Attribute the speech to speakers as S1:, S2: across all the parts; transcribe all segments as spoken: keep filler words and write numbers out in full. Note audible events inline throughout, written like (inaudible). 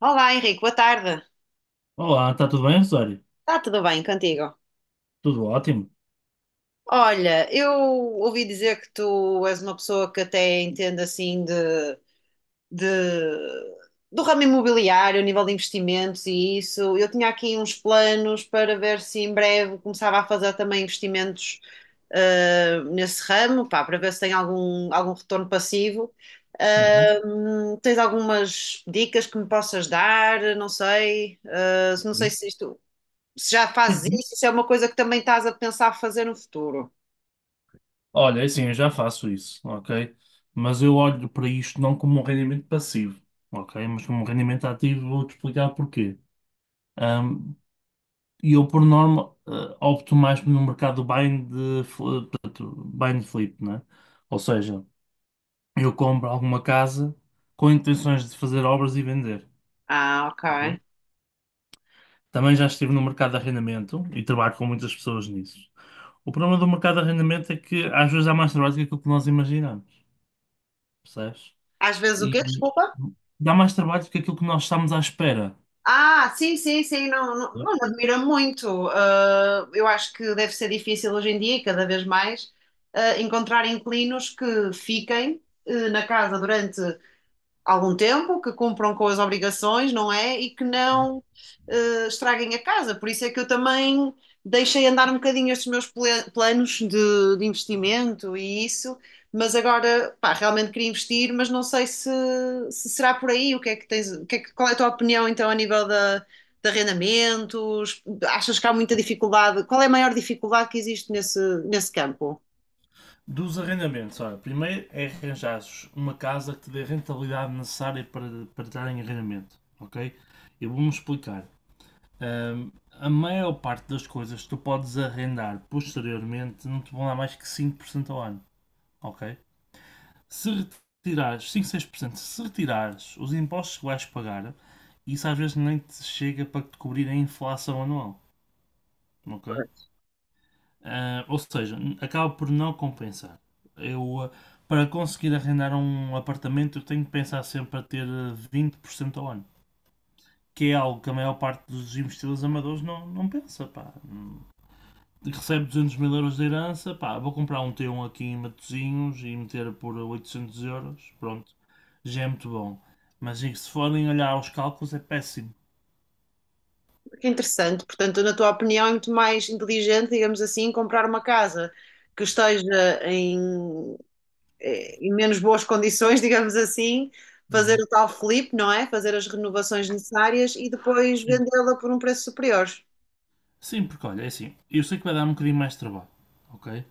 S1: Olá, Henrique, boa tarde.
S2: Olá, está tudo bem, Rosário?
S1: Está tudo bem contigo?
S2: Tudo ótimo.
S1: Olha, eu ouvi dizer que tu és uma pessoa que até entende assim de, de- do ramo imobiliário, a nível de investimentos e isso. Eu tinha aqui uns planos para ver se em breve começava a fazer também investimentos ah, nesse ramo, pá, para ver se tem algum, algum retorno passivo.
S2: Uhum.
S1: Ah, hum, tens algumas dicas que me possas dar? Não sei. ah, não sei
S2: Sim.
S1: se isto. Se já fazes
S2: Uhum.
S1: isso, isso é uma coisa que também estás a pensar fazer no futuro.
S2: Olha, é assim, eu já faço isso, ok? Mas eu olho para isto não como um rendimento passivo, ok? Mas como um rendimento ativo, vou-te explicar porquê. Ahm, E eu, por norma, eh, opto mais no mercado bind, de, fl- eh, portanto, buy and flip, né? Ou seja, eu compro alguma casa com intenções de fazer obras e vender.
S1: Ah, ok.
S2: Uhum. Também já estive no mercado de arrendamento e trabalho com muitas pessoas nisso. O problema do mercado de arrendamento é que às vezes dá mais trabalho do que aquilo que nós imaginamos, percebes?
S1: Às vezes o
S2: E
S1: quê? Desculpa?
S2: dá mais trabalho do que aquilo que nós estamos à espera.
S1: Ah, sim, sim, sim, não, não, não me
S2: Percebes?
S1: admira muito. Ah, eu acho que deve ser difícil hoje em dia, e cada vez mais, ah, encontrar inquilinos que fiquem eh, na casa durante algum tempo, que cumpram com as obrigações, não é? E que não eh, estraguem a casa. Por isso é que eu também deixei andar um bocadinho estes meus ple- planos de, de investimento e isso, mas agora, pá, realmente queria investir, mas não sei se, se será por aí. O que é que tens, o que é que- qual é a tua opinião então a nível da, de arrendamentos? Achas que há muita dificuldade? Qual é a maior dificuldade que existe nesse, nesse campo?
S2: Dos arrendamentos, olha, primeiro é arranjares uma casa que te dê a rentabilidade necessária para, para estar em arrendamento, ok? Eu vou-me explicar. Ahm, a maior parte das coisas que tu podes arrendar posteriormente não te vão dar mais que cinco por cento ao ano, ok? Se retirares cinco seis por cento, se retirares os impostos que vais pagar, isso às vezes nem te chega para te cobrir a inflação anual, ok? Ah, ou seja, acaba por não compensar. Eu, ah, para conseguir arrendar um apartamento, eu tenho que pensar sempre a ter uh, vinte por cento ao ano, que é algo que a maior parte dos investidores amadores não, não pensa, pá. Recebe duzentos mil euros de herança, pá, vou comprar um T um aqui em Matosinhos e meter por oitocentos euros, pronto, já é muito bom. Mas se forem olhar aos cálculos é péssimo.
S1: Que é interessante. Portanto, na tua opinião, é muito mais inteligente, digamos assim, comprar uma casa que esteja em, eh, em menos boas condições, (laughs) digamos assim, fazer
S2: Uhum.
S1: o tal flip, não é? Fazer as renovações necessárias e depois
S2: Sim.
S1: vendê-la por um preço superior.
S2: Sim, porque olha, é assim, eu sei que vai dar um bocadinho mais de trabalho, ok?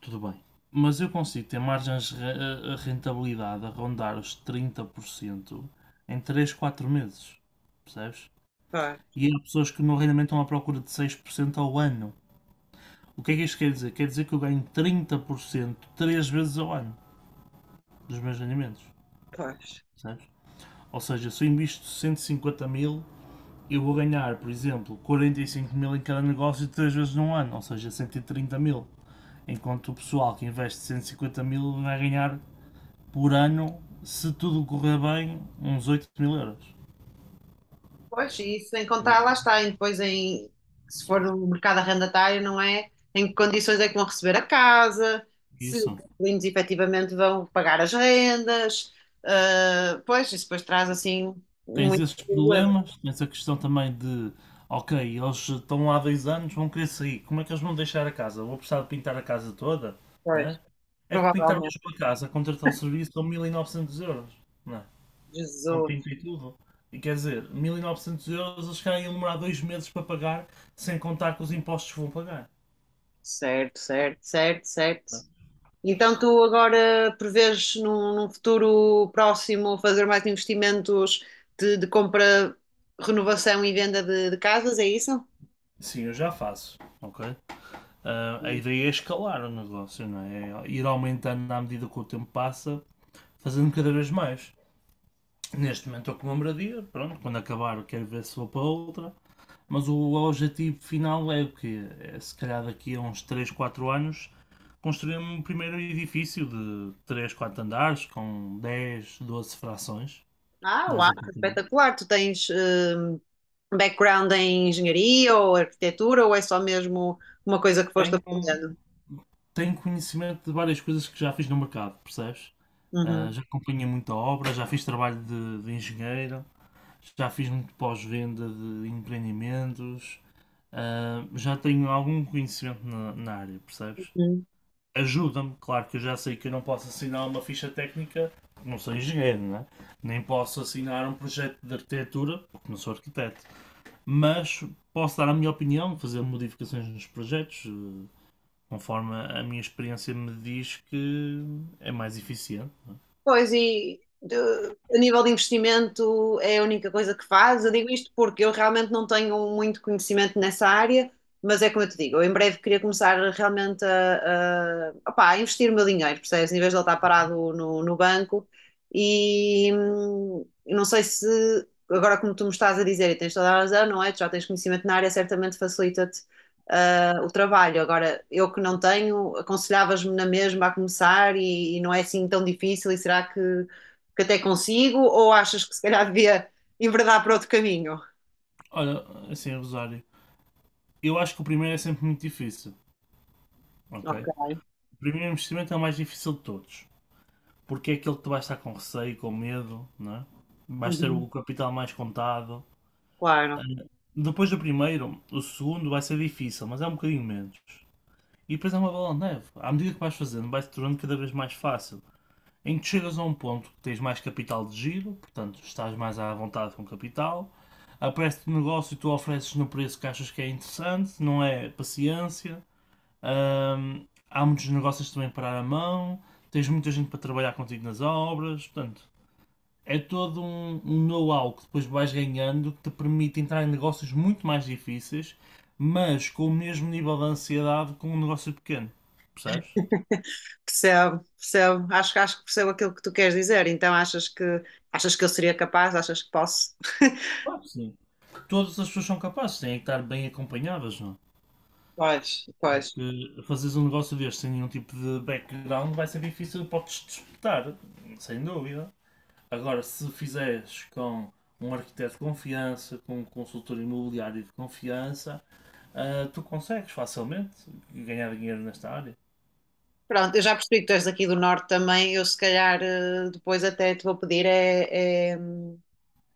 S2: Tudo bem. Mas eu consigo ter margens de re- eh, rentabilidade a rondar os trinta por cento em três quatro meses, percebes?
S1: Pois,
S2: E há pessoas que no rendimento estão à procura de seis por cento ao ano. O que é que isto quer dizer? Quer dizer que eu ganho trinta por cento três vezes ao ano dos meus rendimentos,
S1: pois.
S2: percebes? Ou seja, se eu invisto cento e cinquenta mil, eu vou ganhar, por exemplo, quarenta e cinco mil em cada negócio três vezes num ano, ou seja, cento e trinta mil. Enquanto o pessoal que investe cento e cinquenta mil vai ganhar por ano, se tudo correr bem, uns oito mil euros.
S1: Pois, e isso sem contar, lá está, e depois em, se for no mercado arrendatário, não é? Em que condições é que vão receber a casa, se os
S2: Isso.
S1: inquilinos efetivamente vão pagar as rendas, ah, pois, isso depois traz assim
S2: Tens
S1: muito
S2: esses
S1: problema,
S2: problemas, tens a questão também de, ok, eles estão lá há dois anos, vão querer sair, como é que eles vão deixar a casa? Vou precisar de pintar a casa toda,
S1: pois,
S2: né? É que pintar
S1: provavelmente.
S2: hoje uma casa, contratar o serviço são mil e novecentos euros, né? Com pinto
S1: Jesus,
S2: e tudo. E quer dizer, mil e novecentos euros eles querem demorar dois meses para pagar, sem contar com os impostos que vão pagar.
S1: certo, certo, certo, certo.
S2: Né?
S1: Então tu agora prevês num, num futuro próximo fazer mais investimentos de, de compra, renovação e venda de de casas, é isso?
S2: Sim, eu já faço, ok? Ah, a ideia é escalar o negócio, não é? É ir aumentando à medida que o tempo passa, fazendo cada vez mais. Neste momento estou com uma moradia, pronto, quando acabar quero ver se vou para outra, mas o objetivo final é o quê? É se calhar daqui a uns três quatro anos construir um primeiro edifício de três quatro andares com dez doze frações,
S1: Ah,
S2: dez
S1: uau,
S2: apartamentos.
S1: espetacular. Tu tens hum, background em engenharia ou arquitetura ou é só mesmo uma coisa que foste
S2: Tenho,
S1: aprendendo?
S2: tenho conhecimento de várias coisas que já fiz no mercado, percebes? Ah,
S1: Uhum.
S2: já acompanhei muita obra, já fiz trabalho de, de engenheiro, já fiz muito pós-venda de empreendimentos, ah, já tenho algum conhecimento na, na área, percebes?
S1: Uhum.
S2: Ajuda-me, claro que eu já sei que eu não posso assinar uma ficha técnica, não sou engenheiro, né? Nem posso assinar um projeto de arquitetura, porque não sou arquiteto, mas posso dar a minha opinião, fazer modificações nos projetos, eh, conforme a minha experiência me diz que é mais eficiente.
S1: Pois, e de- a nível de investimento é a única coisa que faz. Eu digo isto porque eu realmente não tenho muito conhecimento nessa área, mas é como eu te digo, eu em breve queria começar realmente a, a, opá, a investir o meu dinheiro, percebes? Em vez de ele estar parado no, no banco. E hum, eu não sei se, agora como tu me estás a dizer, e tens toda a razão, não é? Tu já tens conhecimento na área, certamente facilita-te uh, o trabalho. Agora, eu que não tenho, aconselhavas-me na mesma a começar e, e não é assim tão difícil, e será que, que até consigo? Ou achas que se calhar devia enverdar para outro caminho?
S2: Olha, assim, Rosário, eu acho que o primeiro é sempre muito difícil, ok?
S1: Ok.
S2: O primeiro investimento é o mais difícil de todos. Porque é aquele que tu vais estar com receio, com medo, não é? Vais ter o
S1: Uhum.
S2: capital mais contado.
S1: Claro.
S2: Depois do primeiro, o segundo vai ser difícil, mas é um bocadinho menos. E depois é uma bola de neve. À medida que vais fazendo, vai-se tornando cada vez mais fácil. Em que chegas a um ponto que tens mais capital de giro, portanto estás mais à vontade com capital, aparece-te um negócio e tu ofereces no preço que achas que é interessante, não é paciência. Hum, há muitos negócios também para a mão, tens muita gente para trabalhar contigo nas obras, portanto, é todo um, um know-how que depois vais ganhando que te permite entrar em negócios muito mais difíceis, mas com o mesmo nível de ansiedade com um negócio pequeno. Percebes?
S1: (laughs) percebo, percebo, acho, que acho que percebo aquilo que tu queres dizer, então achas que achas que eu seria capaz, achas que posso? (laughs)
S2: Claro que sim. Todas as pessoas são capazes, têm que estar bem acompanhadas, não?
S1: Pois, pois.
S2: Porque fazeres um negócio deste sem nenhum tipo de background vai ser difícil, podes disputar, sem dúvida. Agora, se fizeres com um arquiteto de confiança, com um consultor imobiliário de confiança, ah, tu consegues facilmente ganhar dinheiro nesta área.
S1: Pronto, eu já percebi que tu és aqui do norte também, eu se calhar eh, depois até te vou pedir é, é,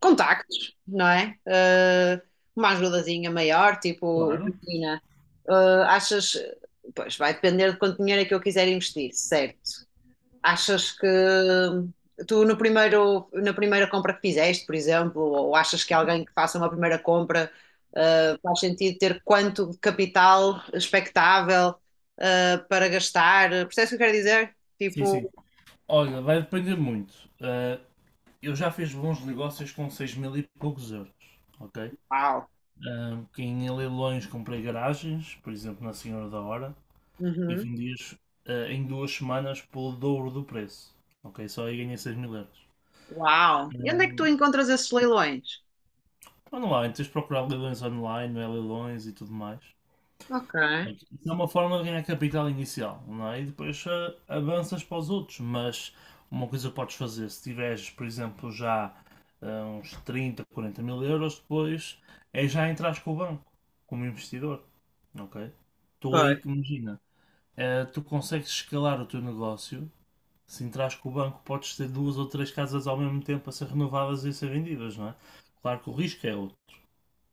S1: contactos, não é? Eh, uma ajudazinha maior, tipo,
S2: Claro.
S1: imagina, eh, achas, pois vai depender de quanto dinheiro é que eu quiser investir, certo? Achas que tu no primeiro, na primeira compra que fizeste, por exemplo, ou achas que alguém que faça uma primeira compra, eh, faz sentido ter quanto de capital expectável, eh, para gastar? Percebes o que eu quero dizer?
S2: Sim, sim.
S1: Tipo,
S2: Olha, vai depender muito. Ah, eu já fiz bons negócios com seis mil e poucos euros, ok?
S1: uau,
S2: Ah, que em leilões comprei garagens, por exemplo, na Senhora da Hora, e
S1: uhum,
S2: vendi-as ah, em duas semanas pelo dobro do preço, ok? Só aí ganhei seis mil euros.
S1: uau. E onde é que tu encontras esses leilões?
S2: Ah, online, tens de procurar leilões online, não é leilões e tudo mais.
S1: Ok.
S2: Pronto, isso é uma forma de ganhar capital inicial, não é? E depois ah, avanças para os outros, mas uma coisa que podes fazer, se tiveres, por exemplo, já ah, uns trinta, quarenta mil euros, depois é já entrar com o banco, como investidor, ok? Tu aí
S1: Pois.
S2: que imagina, ah, tu consegues escalar o teu negócio, se entras com o banco podes ter duas ou três casas ao mesmo tempo a ser renovadas e a ser vendidas, não é? Claro que o risco é outro.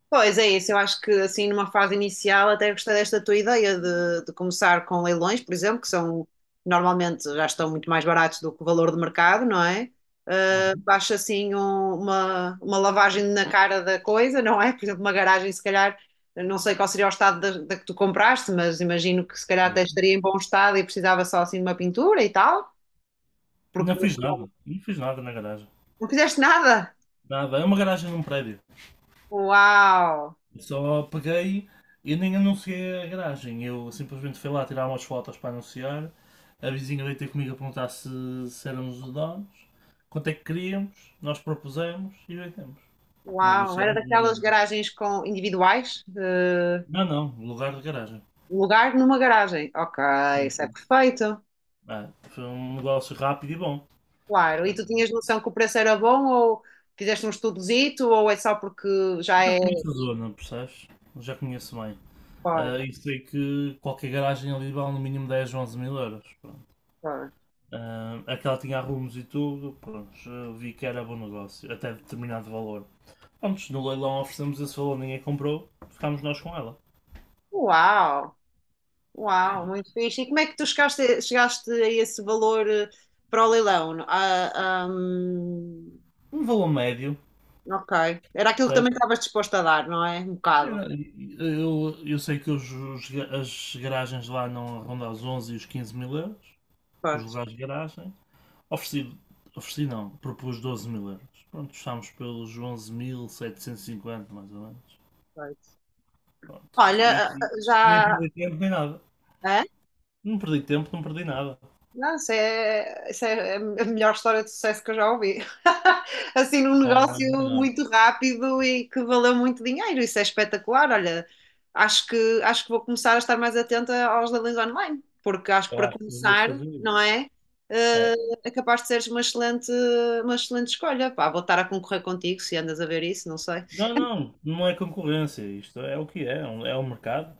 S1: Pois é isso, eu acho que assim numa fase inicial até gostei desta tua ideia de, de começar com leilões, por exemplo, que são normalmente já estão muito mais baratos do que o valor de mercado, não é? Uh,
S2: Uhum,
S1: acho assim um- uma, uma lavagem na cara da coisa, não é? Por exemplo, uma garagem, se calhar, não sei qual seria o estado da, da que tu compraste, mas imagino que se calhar até
S2: certo.
S1: estaria em bom estado e precisava só assim de uma pintura e tal, porque
S2: Não fiz nada,
S1: não,
S2: não fiz nada na garagem.
S1: não fizeste nada.
S2: Nada, é uma garagem num prédio.
S1: Uau!
S2: Só peguei, eu nem anunciei a garagem, eu simplesmente fui lá tirar umas fotos para anunciar. A vizinha veio ter comigo a perguntar se, se éramos os donos, quanto é que queríamos, nós propusemos e vendemos.
S1: Uau, era
S2: Negociámos, mas
S1: daquelas
S2: vendemos.
S1: garagens com individuais? Eh,
S2: Não, não, lugar de garagem.
S1: lugar numa garagem. Ok,
S2: Sim,
S1: isso é
S2: sim.
S1: perfeito.
S2: Ah, foi um negócio rápido e bom.
S1: Claro, e tu tinhas noção que o preço era bom ou fizeste um estudozito ou é só porque
S2: Eu
S1: já
S2: já
S1: é.
S2: conheço a zona, percebes? Eu já conheço bem. Ah,
S1: Claro,
S2: e sei que qualquer garagem ali vale no mínimo dez ou onze mil euros.
S1: claro.
S2: Ah, aquela tinha arrumos e tudo, pronto, vi que era bom negócio, até determinado valor. Antes no leilão oferecemos esse valor, ninguém comprou, ficámos nós com ela.
S1: Uau, uau, muito fixe. E como é que tu chegaste, chegaste a esse valor eh, para o leilão? Ah, hum,
S2: Um valor médio,
S1: ok, era aquilo que também
S2: percebes?
S1: estavas disposto a dar, não é? Um bocado.
S2: Era- Eu, eu sei que os, os ga- as garagens lá não rondam os onze e os quinze mil euros, os
S1: Pois,
S2: lugares de garagem. Ofereci, ofereci não, propus doze mil euros. Pronto, estamos pelos onze mil setecentos e cinquenta mais ou menos.
S1: pois.
S2: Pronto.
S1: Olha,
S2: E
S1: ah, ah,
S2: e nem
S1: já.
S2: perdi tempo nem nada.
S1: Hã?
S2: Não perdi tempo, não perdi nada.
S1: Não, isso é, isso é a melhor história de sucesso que eu já ouvi. (laughs) Assim, num
S2: Não, não é
S1: negócio
S2: melhor.
S1: muito rápido e que valeu muito dinheiro. Isso é espetacular. Olha, acho que, acho que vou começar a estar mais atenta aos leilões online, porque acho que
S2: Eu
S1: para
S2: acho que devias
S1: começar,
S2: fazer isso.
S1: não é? Eh,
S2: É.
S1: é capaz de seres uma excelente, uma excelente escolha. Pá, vou estar a concorrer contigo se andas a ver isso, não sei.
S2: Não, não, não é concorrência. Isto é o que é, é um é um mercado.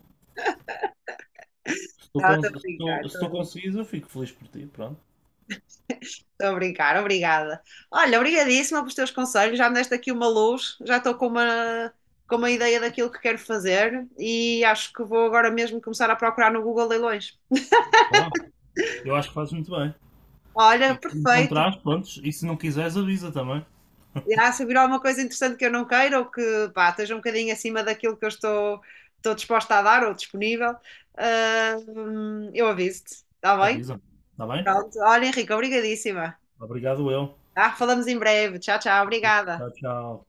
S2: Se tu,
S1: Tá, estou
S2: cons-
S1: a
S2: se
S1: brincar,
S2: tu, se
S1: estou a
S2: tu
S1: brincar.
S2: conseguires, eu fico feliz por ti. Pronto.
S1: Estou a brincar, obrigada. Olha, obrigadíssima pelos teus conselhos, já me deste aqui uma luz, já estou com uma, com uma ideia daquilo que quero fazer e acho que vou agora mesmo começar a procurar no Google Leilões.
S2: Boa. Eu acho que fazes muito bem.
S1: Olha,
S2: E se
S1: perfeito.
S2: encontrares, pronto. E se não quiseres, avisa também.
S1: Já se vir alguma coisa interessante que eu não queira ou que pá, esteja um bocadinho acima daquilo que eu estou, estou disposta a dar ou disponível, ah, hum, eu aviso-te, está bem?
S2: Avisa. Está bem?
S1: Pronto. Olha, Henrique, obrigadíssima.
S2: Obrigado, eu.
S1: Tá? Falamos em breve. Tchau, tchau,
S2: E
S1: obrigada.
S2: tchau, tchau.